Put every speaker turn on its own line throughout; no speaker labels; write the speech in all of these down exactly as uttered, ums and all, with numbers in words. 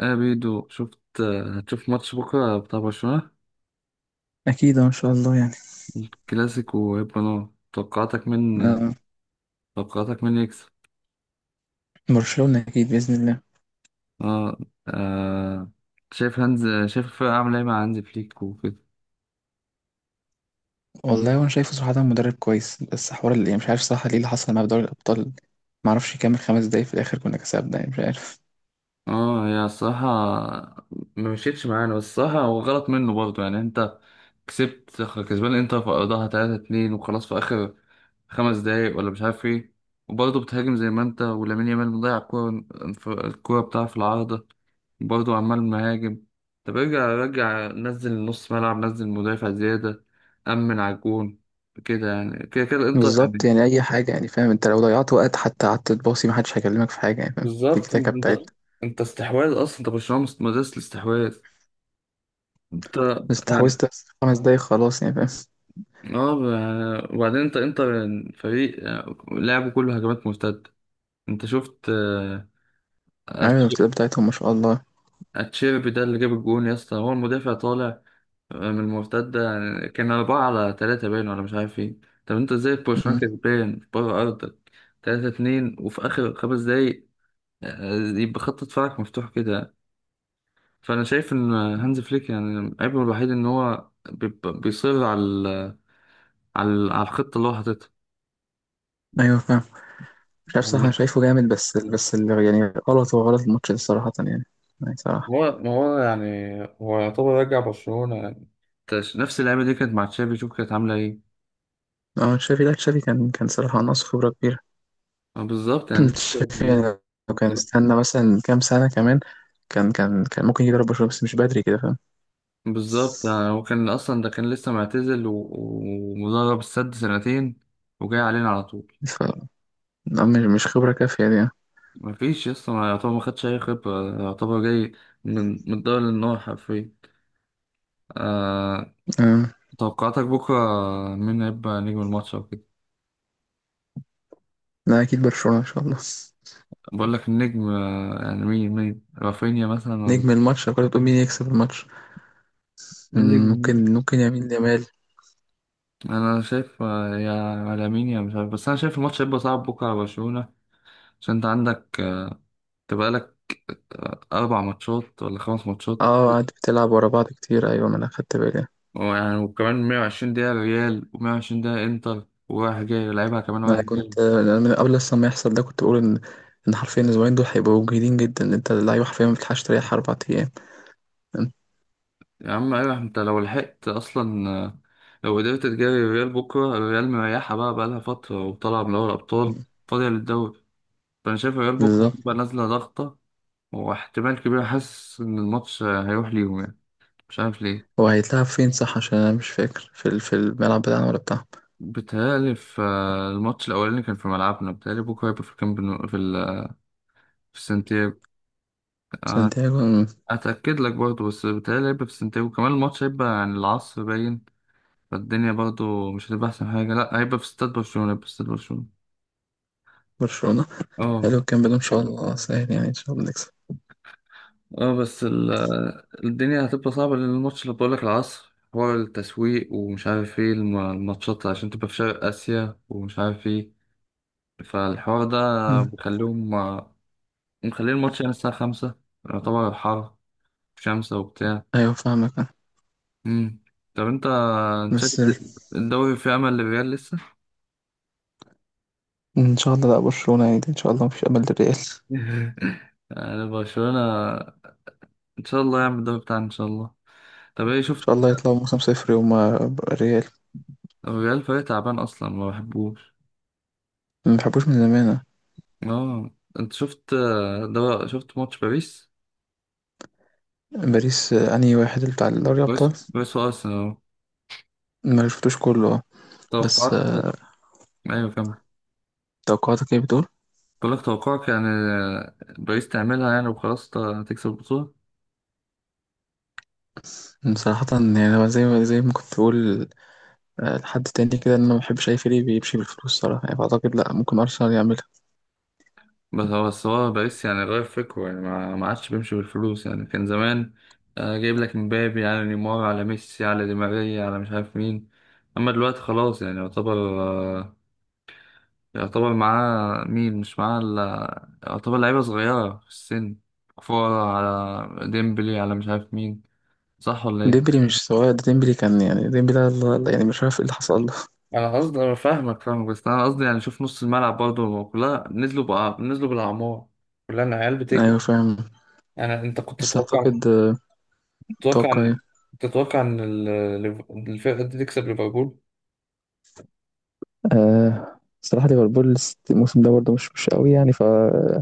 آه بيدو شفت، آه، هتشوف ماتش بكرة بتاع برشلونة،
أكيد إن شاء الله يعني.
كلاسيكو وهيبقى نار. توقعاتك من
آه،
توقعاتك من يكسب؟
برشلونة أكيد بإذن الله.
اه. آه. شايف هانز شايف الفرقة عاملة ايه مع هانز فليك وكده.
والله وأنا شايفه صراحة مدرب كويس، بس حوار اللي مش عارف صح ليه اللي حصل مع دوري الأبطال. معرفش يكمل خمس دقايق في الآخر كنا كسبنا، يعني مش عارف.
اه، هي الصراحة ما مشيتش معانا، بس الصراحة هو غلط منه برضه. يعني انت كسبت، كسبان انتر في ارضها تلاتة اتنين وخلاص في اخر خمس دقايق ولا مش عارف ايه. وبرضه بتهاجم، زي ما انت ولامين يامال مضيع الكورة، الكورة بتاعه في العارضة، برضه عمال مهاجم. طب ارجع، رجع نزل نص ملعب، نزل مدافع زيادة، أمن على الجون كده يعني، كده كده انت
بالظبط،
يعني.
يعني أي حاجة يعني فاهم، أنت لو ضيعت وقت حتى قعدت تباصي محدش هيكلمك في حاجة يعني فاهم، تيكي
بالظبط،
تاكا
انت
بتاعتنا.
انت استحواذ اصلا، انت برشلونة مس- مدرسة الاستحواذ. انت
بس
يعني
تحوست بس خمس دقايق خلاص يعني فاهم.
اه يعني، وبعدين انت انت فريق يعني لعبه كله هجمات مرتدة. انت شفت، آه،
عامل
أتش-
الارتداد بتاعتهم ما شاء الله.
اتشيربي ده اللي جاب الجون يا اسطى، هو المدافع طالع من المرتدة يعني، كان أربعة على تلاتة باين ولا مش عارف ايه. طب انت ازاي في برشلونة
مم.
كسبان بره أرضك تلاتة اتنين وفي آخر خمس دقايق، آه، يبقى خط دفاعك مفتوح كده. فأنا شايف إن هانز فليك يعني عيبه الوحيد إن هو بيبقى- بيصر على ال- على ال- على الخطة اللي هو حاططها
أيوه فاهم. مش عارف صح، أنا
يعني.
شايفه جامد بس بس اللي يعني غلط، هو غلط الماتش ده صراحة يعني، يعني صراحة.
هو ما هو يعني هو يعتبر رجع برشلونة يعني تش- نفس اللعيبة دي كانت مع تشافي، شوف كانت عاملة ايه.
اه تشافي، لا تشافي كان كان صراحة ناقص خبرة كبيرة.
آه، بالظبط يعني.
شايفين لو كان استنى مثلا كام سنة كمان، كان كان كان ممكن يضرب برشلونة، بس مش بدري كده فاهم.
بالظبط يعني، هو كان أصلا ده كان لسه معتزل و- ومدرب السد سنتين وجاي علينا على طول.
ف لا، مش مش خبرة كافية دي يعني.
مفيش يسطا، ما يعتبر ما خدش أي خبرة، يعتبر جاي من من الدوري للنار حرفيا. آه.
أمم.
توقعاتك بكرة مين هيبقى نجم الماتش أو كده؟
لا أكيد برشلونة إن شاء الله.
بقول لك النجم، آه، يعني مين مين رافينيا مثلا ولا؟
نجم الماتش؟ لو كنت بتقول مين يكسب الماتش، أمم،
النجم.
ممكن ممكن يمين يامال.
أنا شايف، آه، يا على مين يا، مش عارف، بس أنا شايف الماتش هيبقى صعب بكرة على برشلونة، عشان أنت عندك، آه، تبقى لك، آه، أربع ماتشات ولا خمس ماتشات.
اه قعدت بتلعب ورا بعض كتير، ايوه ما انا خدت بالي.
ويعني وكمان مية وعشرين دقيقة ريال و120 دقيقة انتر، ورايح جاي يلعبها كمان
ما
رايح
انا
جاي.
كنت أنا من قبل اصلا ما يحصل ده كنت بقول ان ان حرفيا الاسبوعين دول هيبقوا جيدين جدا، ان انت اللعيبه حرفيا ما بتلحقش تريح اربع ايام. أمم.
يا عم، ايوه، انت لو لحقت اصلا، آه، لو قدرت تجاري الريال بكرة. الريال مريحة بقى، بقالها فترة وطالعة من دوري الأبطال، فاضية للدوري. فأنا شايف الريال بكرة هتبقى
بالظبط.
نازلة ضغطة. واحتمال كبير حاسس إن الماتش، آه، هيروح ليهم يعني، مش عارف ليه.
هو هيتلعب فين صح؟ عشان انا مش فاكر في ال- في الملعب بتاعنا ولا بتاعهم.
بيتهيألي في، آه، الماتش الأولاني كان في ملعبنا، بيتهيألي بكرة هيبقى في الكامب نو، في ال- في السنتير.
سانتياغو من
اتاكد لك برضه، بس بتهيألي هيبقى في سنتياجو. كمان الماتش هيبقى عن العصر باين، فالدنيا برضه مش هتبقى احسن حاجه. لا، هيبقى في استاد برشلونه، هيبقى في استاد برشلونه.
برشلونة.
اه.
حلو الكلام ده، ان شاء الله سهل يعني، ان شاء الله نكسب.
اه، بس ال- الدنيا هتبقى صعبه، لان الماتش اللي بقولك العصر حوار التسويق ومش عارف ايه الم- الماتشات عشان تبقى في شرق اسيا ومش عارف ايه. فالحوار ده
مم.
بيخليهم مخلين الماتش يعني الساعه خمسة، يعتبر حر، شمسة وبتاع.
ايوه فاهمك انا.
مم. طب انت، انت شايف
بس
الد- الدوري فيه امل للريال لسه؟
ان شاء الله، لا برشلونة يعني، ان شاء الله مفيش امل للريال.
انا برشلونة، ان شاء الله يعمل الدوري بتاعنا ان شاء الله. طب ايه
ان
شفت؟
شاء الله يطلعوا موسم صفر هما الريال.
الريال فريق تعبان اصلا، ما بحبوش.
ما بحبوش من زمان أنا.
اه. انت شفت، ده شفت ماتش باريس؟
باريس، آه، انهي واحد، اللي بتاع دوري الابطال؟
باريس باريس وارسنال أهو.
ما شفتوش كله آه. بس
توقعت.
آه،
ايوه كمل.
توقعاتك ايه بتقول؟
بقول لك توقعك يعني، باريس تعملها يعني وخلاص، ت- تكسب البطولة.
مم، صراحة يعني أنا زي ما زي ما كنت بقول آه، لحد تاني كده، إن أنا ما بحبش أي فريق بيمشي بالفلوس صراحة يعني، فأعتقد لأ، ممكن أرسنال يعمل.
بس هو بس هو الرئيس يعني غير فكره يعني، ما ما عادش بيمشي بالفلوس يعني. كان زمان، آه، جايب لك مبابي على نيمار على ميسي على دي ماريا على مش عارف مين. اما دلوقتي خلاص يعني يعتبر، آه، يعتبر معاه مين؟ مش معاه الا يعتبر لعيبة صغيرة في السن، كفارة على ديمبلي على مش عارف مين. صح ولا ايه؟
ديمبلي مش سواء ده، ديمبلي كان يعني، ديمبلي ده الله- الله- يعني مش عارف ايه اللي حصل له.
انا قصدي، انا فاهمك فاهمك، بس انا قصدي يعني شوف نص الملعب برضه، كلها نزلوا بقى نزلوا بالاعمار، كلها العيال
ايوه
بتجري.
فاهم.
يعني انت كنت
بس
تتوقع،
اعتقد آه،
تتوقع
اتوقع
إن،
ايه؟
تتوقع إن ال- ليف- الفرقة دي تكسب ليفربول؟
آه. الصراحة ليفربول الس- الموسم ده برضه مش مش قوي يعني، فما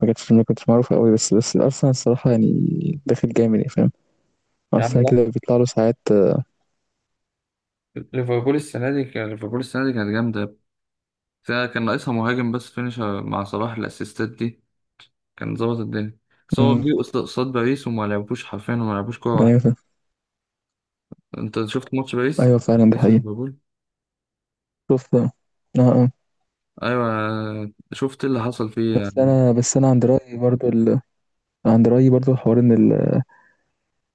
كانتش، ما كنتش معروفة قوي، بس بس الأرسنال الصراحة يعني داخل جامد يعني فاهم.
يا عم
أرسنال كده
لا.
بيطلع له ساعات آه،
ليفربول السنة دي كان، ليفربول السنة دي كانت جامدة فيها. كان ناقصها مهاجم بس، فينيشر مع صلاح الأسيستات دي كان ظبط الدنيا. بس هو
مم،
جه قصاد قصاد باريس وما لعبوش حرفيا، وما لعبوش كورة واحدة.
أيوة فاهم.
أنت شفت ماتش باريس؟
أيوة فعلا دي
باريس
حقيقة.
وليفربول؟
شوف آه، آه آه.
أيوة. شفت إيه اللي حصل فيه
بس
يعني؟
أنا، بس أنا عند رأيي برضه ال... عند رأيي برضه حوار إن ال...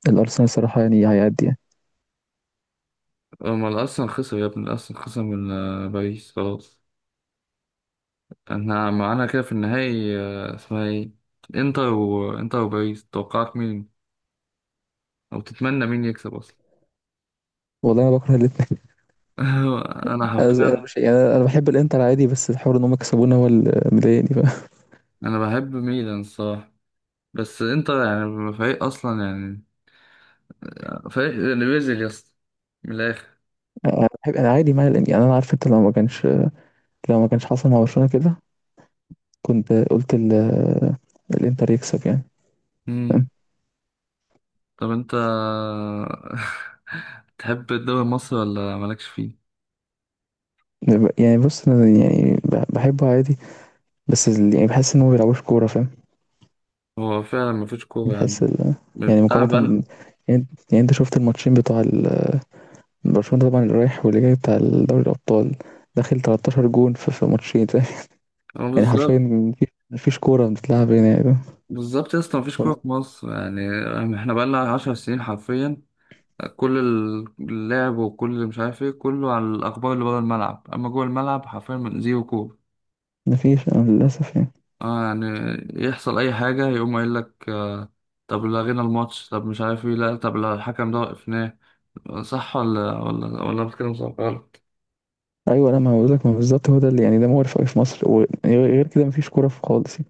الأرسنال الصراحة يعني هيعدي يعني.
هما الأرسنال خسر يا ابني، الأرسنال خسر من، آه، باريس خلاص. احنا معانا كده في النهائي، آه، اسمها ايه؟ انتر، وانتر وباريس توقعت مين؟ او تتمنى مين يكسب اصلا؟
والله أنا بكره الاتنين.
انا
أز- أنا
حرفيا.
مش يعني، أنا أنا بحب الإنتر عادي، بس الحوار إن هم كسبونا هو اللي مضايقني بقى.
انا بحب ميلان الصراحه، بس انت يعني فريق اصلا يعني، فريق اللي بيزل يا اسطى، من الاخر.
أنا بحب، أنا عادي مع الإنتر يعني، أنا عارف أنت لو ما كانش، لو ما كانش حصل مع برشلونة كده كنت قلت ال... الإنتر يكسب يعني.
امم.
فاهم؟
طب انت، تحب الدوري المصري ولا مالكش فيه؟
يعني بص أنا يعني بح- بحبه عادي، بس ال- يعني بحس إن هو ما بيلعبوش كورة فاهم.
هو فعلا مفيش كوره يعني.
بحس ال... يعني
بتاع
مقارنة
بل.
ب- يعني، يعني أنت شفت الماتشين بتوع ال- برشلونة طبعا، اللي رايح واللي جاي بتاع دوري الأبطال، داخل تلتاشر جون في في ماتشين فاهم؟
هو
يعني حرفيا
بالظبط.
مفيش مفيش كورة بتتلعب هنا
بالظبط يا اسطى، مفيش كوره
يعني.
في مصر يعني. احنا بقالنا عشر سنين حرفيا، كل اللعب وكل مش عارف ايه، كله على الاخبار اللي بره الملعب، اما جوه الملعب حرفيا زيرو كوره.
مفيش آه، للأسف يعني.
اه يعني، يحصل اي حاجة يقوم قايل لك آه، طب لغينا الماتش، طب مش عارف ايه، لا طب لا الحكم ده وقفناه، صح ولا ولا ولا بتكلم صح غلط.
أيوة لا، ما هو بقولك، ما بالظبط هو ده اللي يعني، ده مقرف أوي في مصر، وغير كده مفيش كورة في خالص يعني.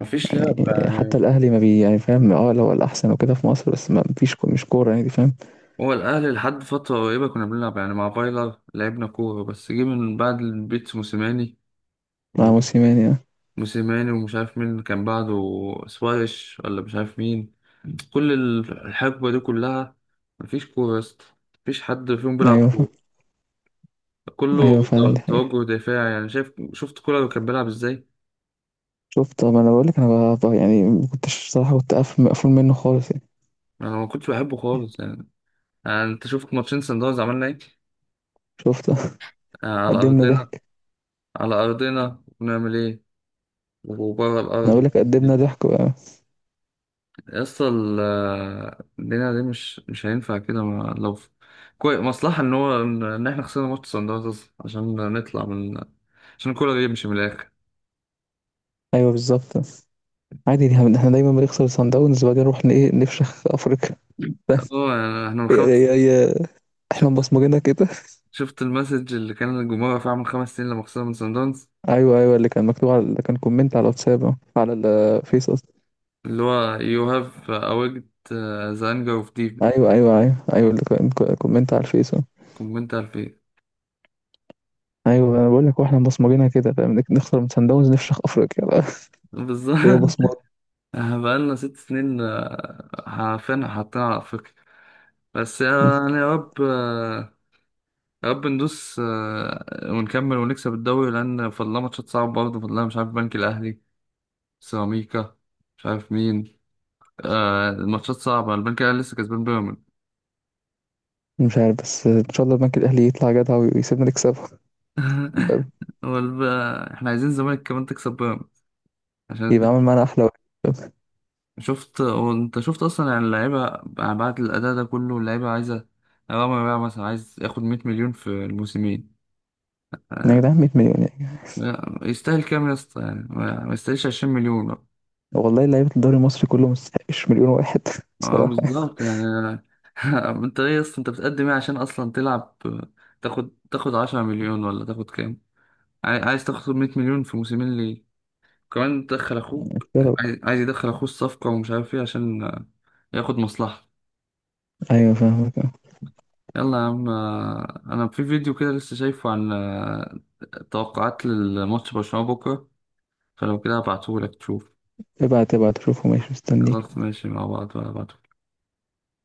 مفيش لعب
يعني حتى
يعني.
الأهلي ما بي يعني فاهم، اه لو الأحسن وكده في مصر، بس ما مفيش كو- مش كورة يعني دي فاهم.
هو الأهلي لحد فترة قريبة كنا بنلعب يعني، مع فايلر لعبنا كورة، بس جه من بعد البيت موسيماني.
مع موسيماني يعني.
موسيماني ومش عارف مين كان بعده، سواريش ولا مش عارف مين. كل الحقبة دي كلها مفيش كورة يا اسطى، مفيش حد فيهم بيلعب
أيوة فاهم.
كورة.
أيوة
كله تو-
فعلا دي حقيقة.
توجه دفاعي يعني. شايف شفت كولر كان بيلعب ازاي؟
شفت ما أنا بقولك أنا ب- ب- يعني ما كنتش صراحة، كنت قافل مقفول منه خالص يعني.
انا ما كنتش بحبه خالص يعني. يعني انت شفت ماتشين سان داونز عملنا ايه،
شفت.
آه، على
قدمنا
ارضنا؟
ضحك.
على ارضنا ونعمل ايه؟ وبره
أنا
الارض؟
بقولك قدمنا ضحك بقى.
يا اسطى ال- آه، الدنيا دي مش مش هينفع كده. ما- لو في- كويس مصلحة ان هو ان إن احنا خسرنا ماتش سان داونز أصلاً، عشان نطلع من، عشان كولر يمشي من الاخر.
أيوة بالظبط. عادي دي- احنا دايما بنخسر صن داونز وبعدين نروح ن- إيه نفشخ أفريقيا.
اه يعني احنا من خمس
هي
سنين.
هي احنا
شفت
مبصمجينها كده.
شفت المسج اللي كان الجمهور رافعه من خمس سنين لما خسرنا من سان داونز؟
ايوه ايوه، اللي كان مكتوب، على اللي كان كومنت على الواتساب أهو، على الفيس قصدي.
اللي هو you have awaked, uh, the anger of deep.
ايوه ايوه ايوه ايوه، اللي كان كو- كومنت على الفيس أهو.
كومنت اتنين الف.
ايوه انا بقول لك، واحنا مبصمجينها كده فاهم، نك- نخسر من سان داونز نفشخ افريقيا بقى.
بالظبط.
هي بصمات.
بقالنا ست سنين، آه، عارفين حاطين على أفريقيا. بس
م.
يعني يا رب، آه، يا رب ندوس، آه، ونكمل ونكسب الدوري، لأن فضلنا ماتشات صعبة برضه. فضلنا مش عارف بنك الأهلي، سيراميكا، مش عارف مين. آه، الماتشات صعبة، البنك الأهلي لسه كسبان بيراميدز.
مش عارف، بس ان شاء الله البنك الاهلي يطلع جدع ويسيبنا نكسبه. فاهم؟
والب... آه، احنا عايزين الزمالك كمان تكسب بيراميدز عشان.
يبقى عامل معانا احلى واحد. فاهم؟
شفت هو انت شفت اصلا يعني اللعيبه، يعني بعد الاداء ده كله اللعيبه عايزه. رامي بقى مثلا عايز ياخد مية مليون في الموسمين.
يا جدعان مية مليون يعني.
يستاهل كام يا اسطى يعني؟ ما ما يستاهلش عشرين مليون.
والله لعيبه الدوري المصري كله ما يستحقش مليون واحد.
اه
صراحه
بالظبط يعني. انت ايه يا اسطى، انت بتقدم ايه عشان اصلا تلعب؟ تاخد تاخد عشرة مليون ولا تاخد كام؟ عاي- عايز تاخد مية مليون في موسمين ليه؟ كمان تدخل
يعني،
اخوك.
يا رب.
عايز عايز يدخل اخوه الصفقه ومش عارف ايه عشان ياخد مصلحه.
ايوه فاهمك آه.
يلا يا عم، آه، انا في فيديو كده لسه شايفه عن، آه، توقعات للماتش برشلونة بكرة، فلو كده هبعتهولك تشوف.
ابعت ابعت شوفه ماشي، مستني.
خلاص ماشي، مع بعض هبعتهولك.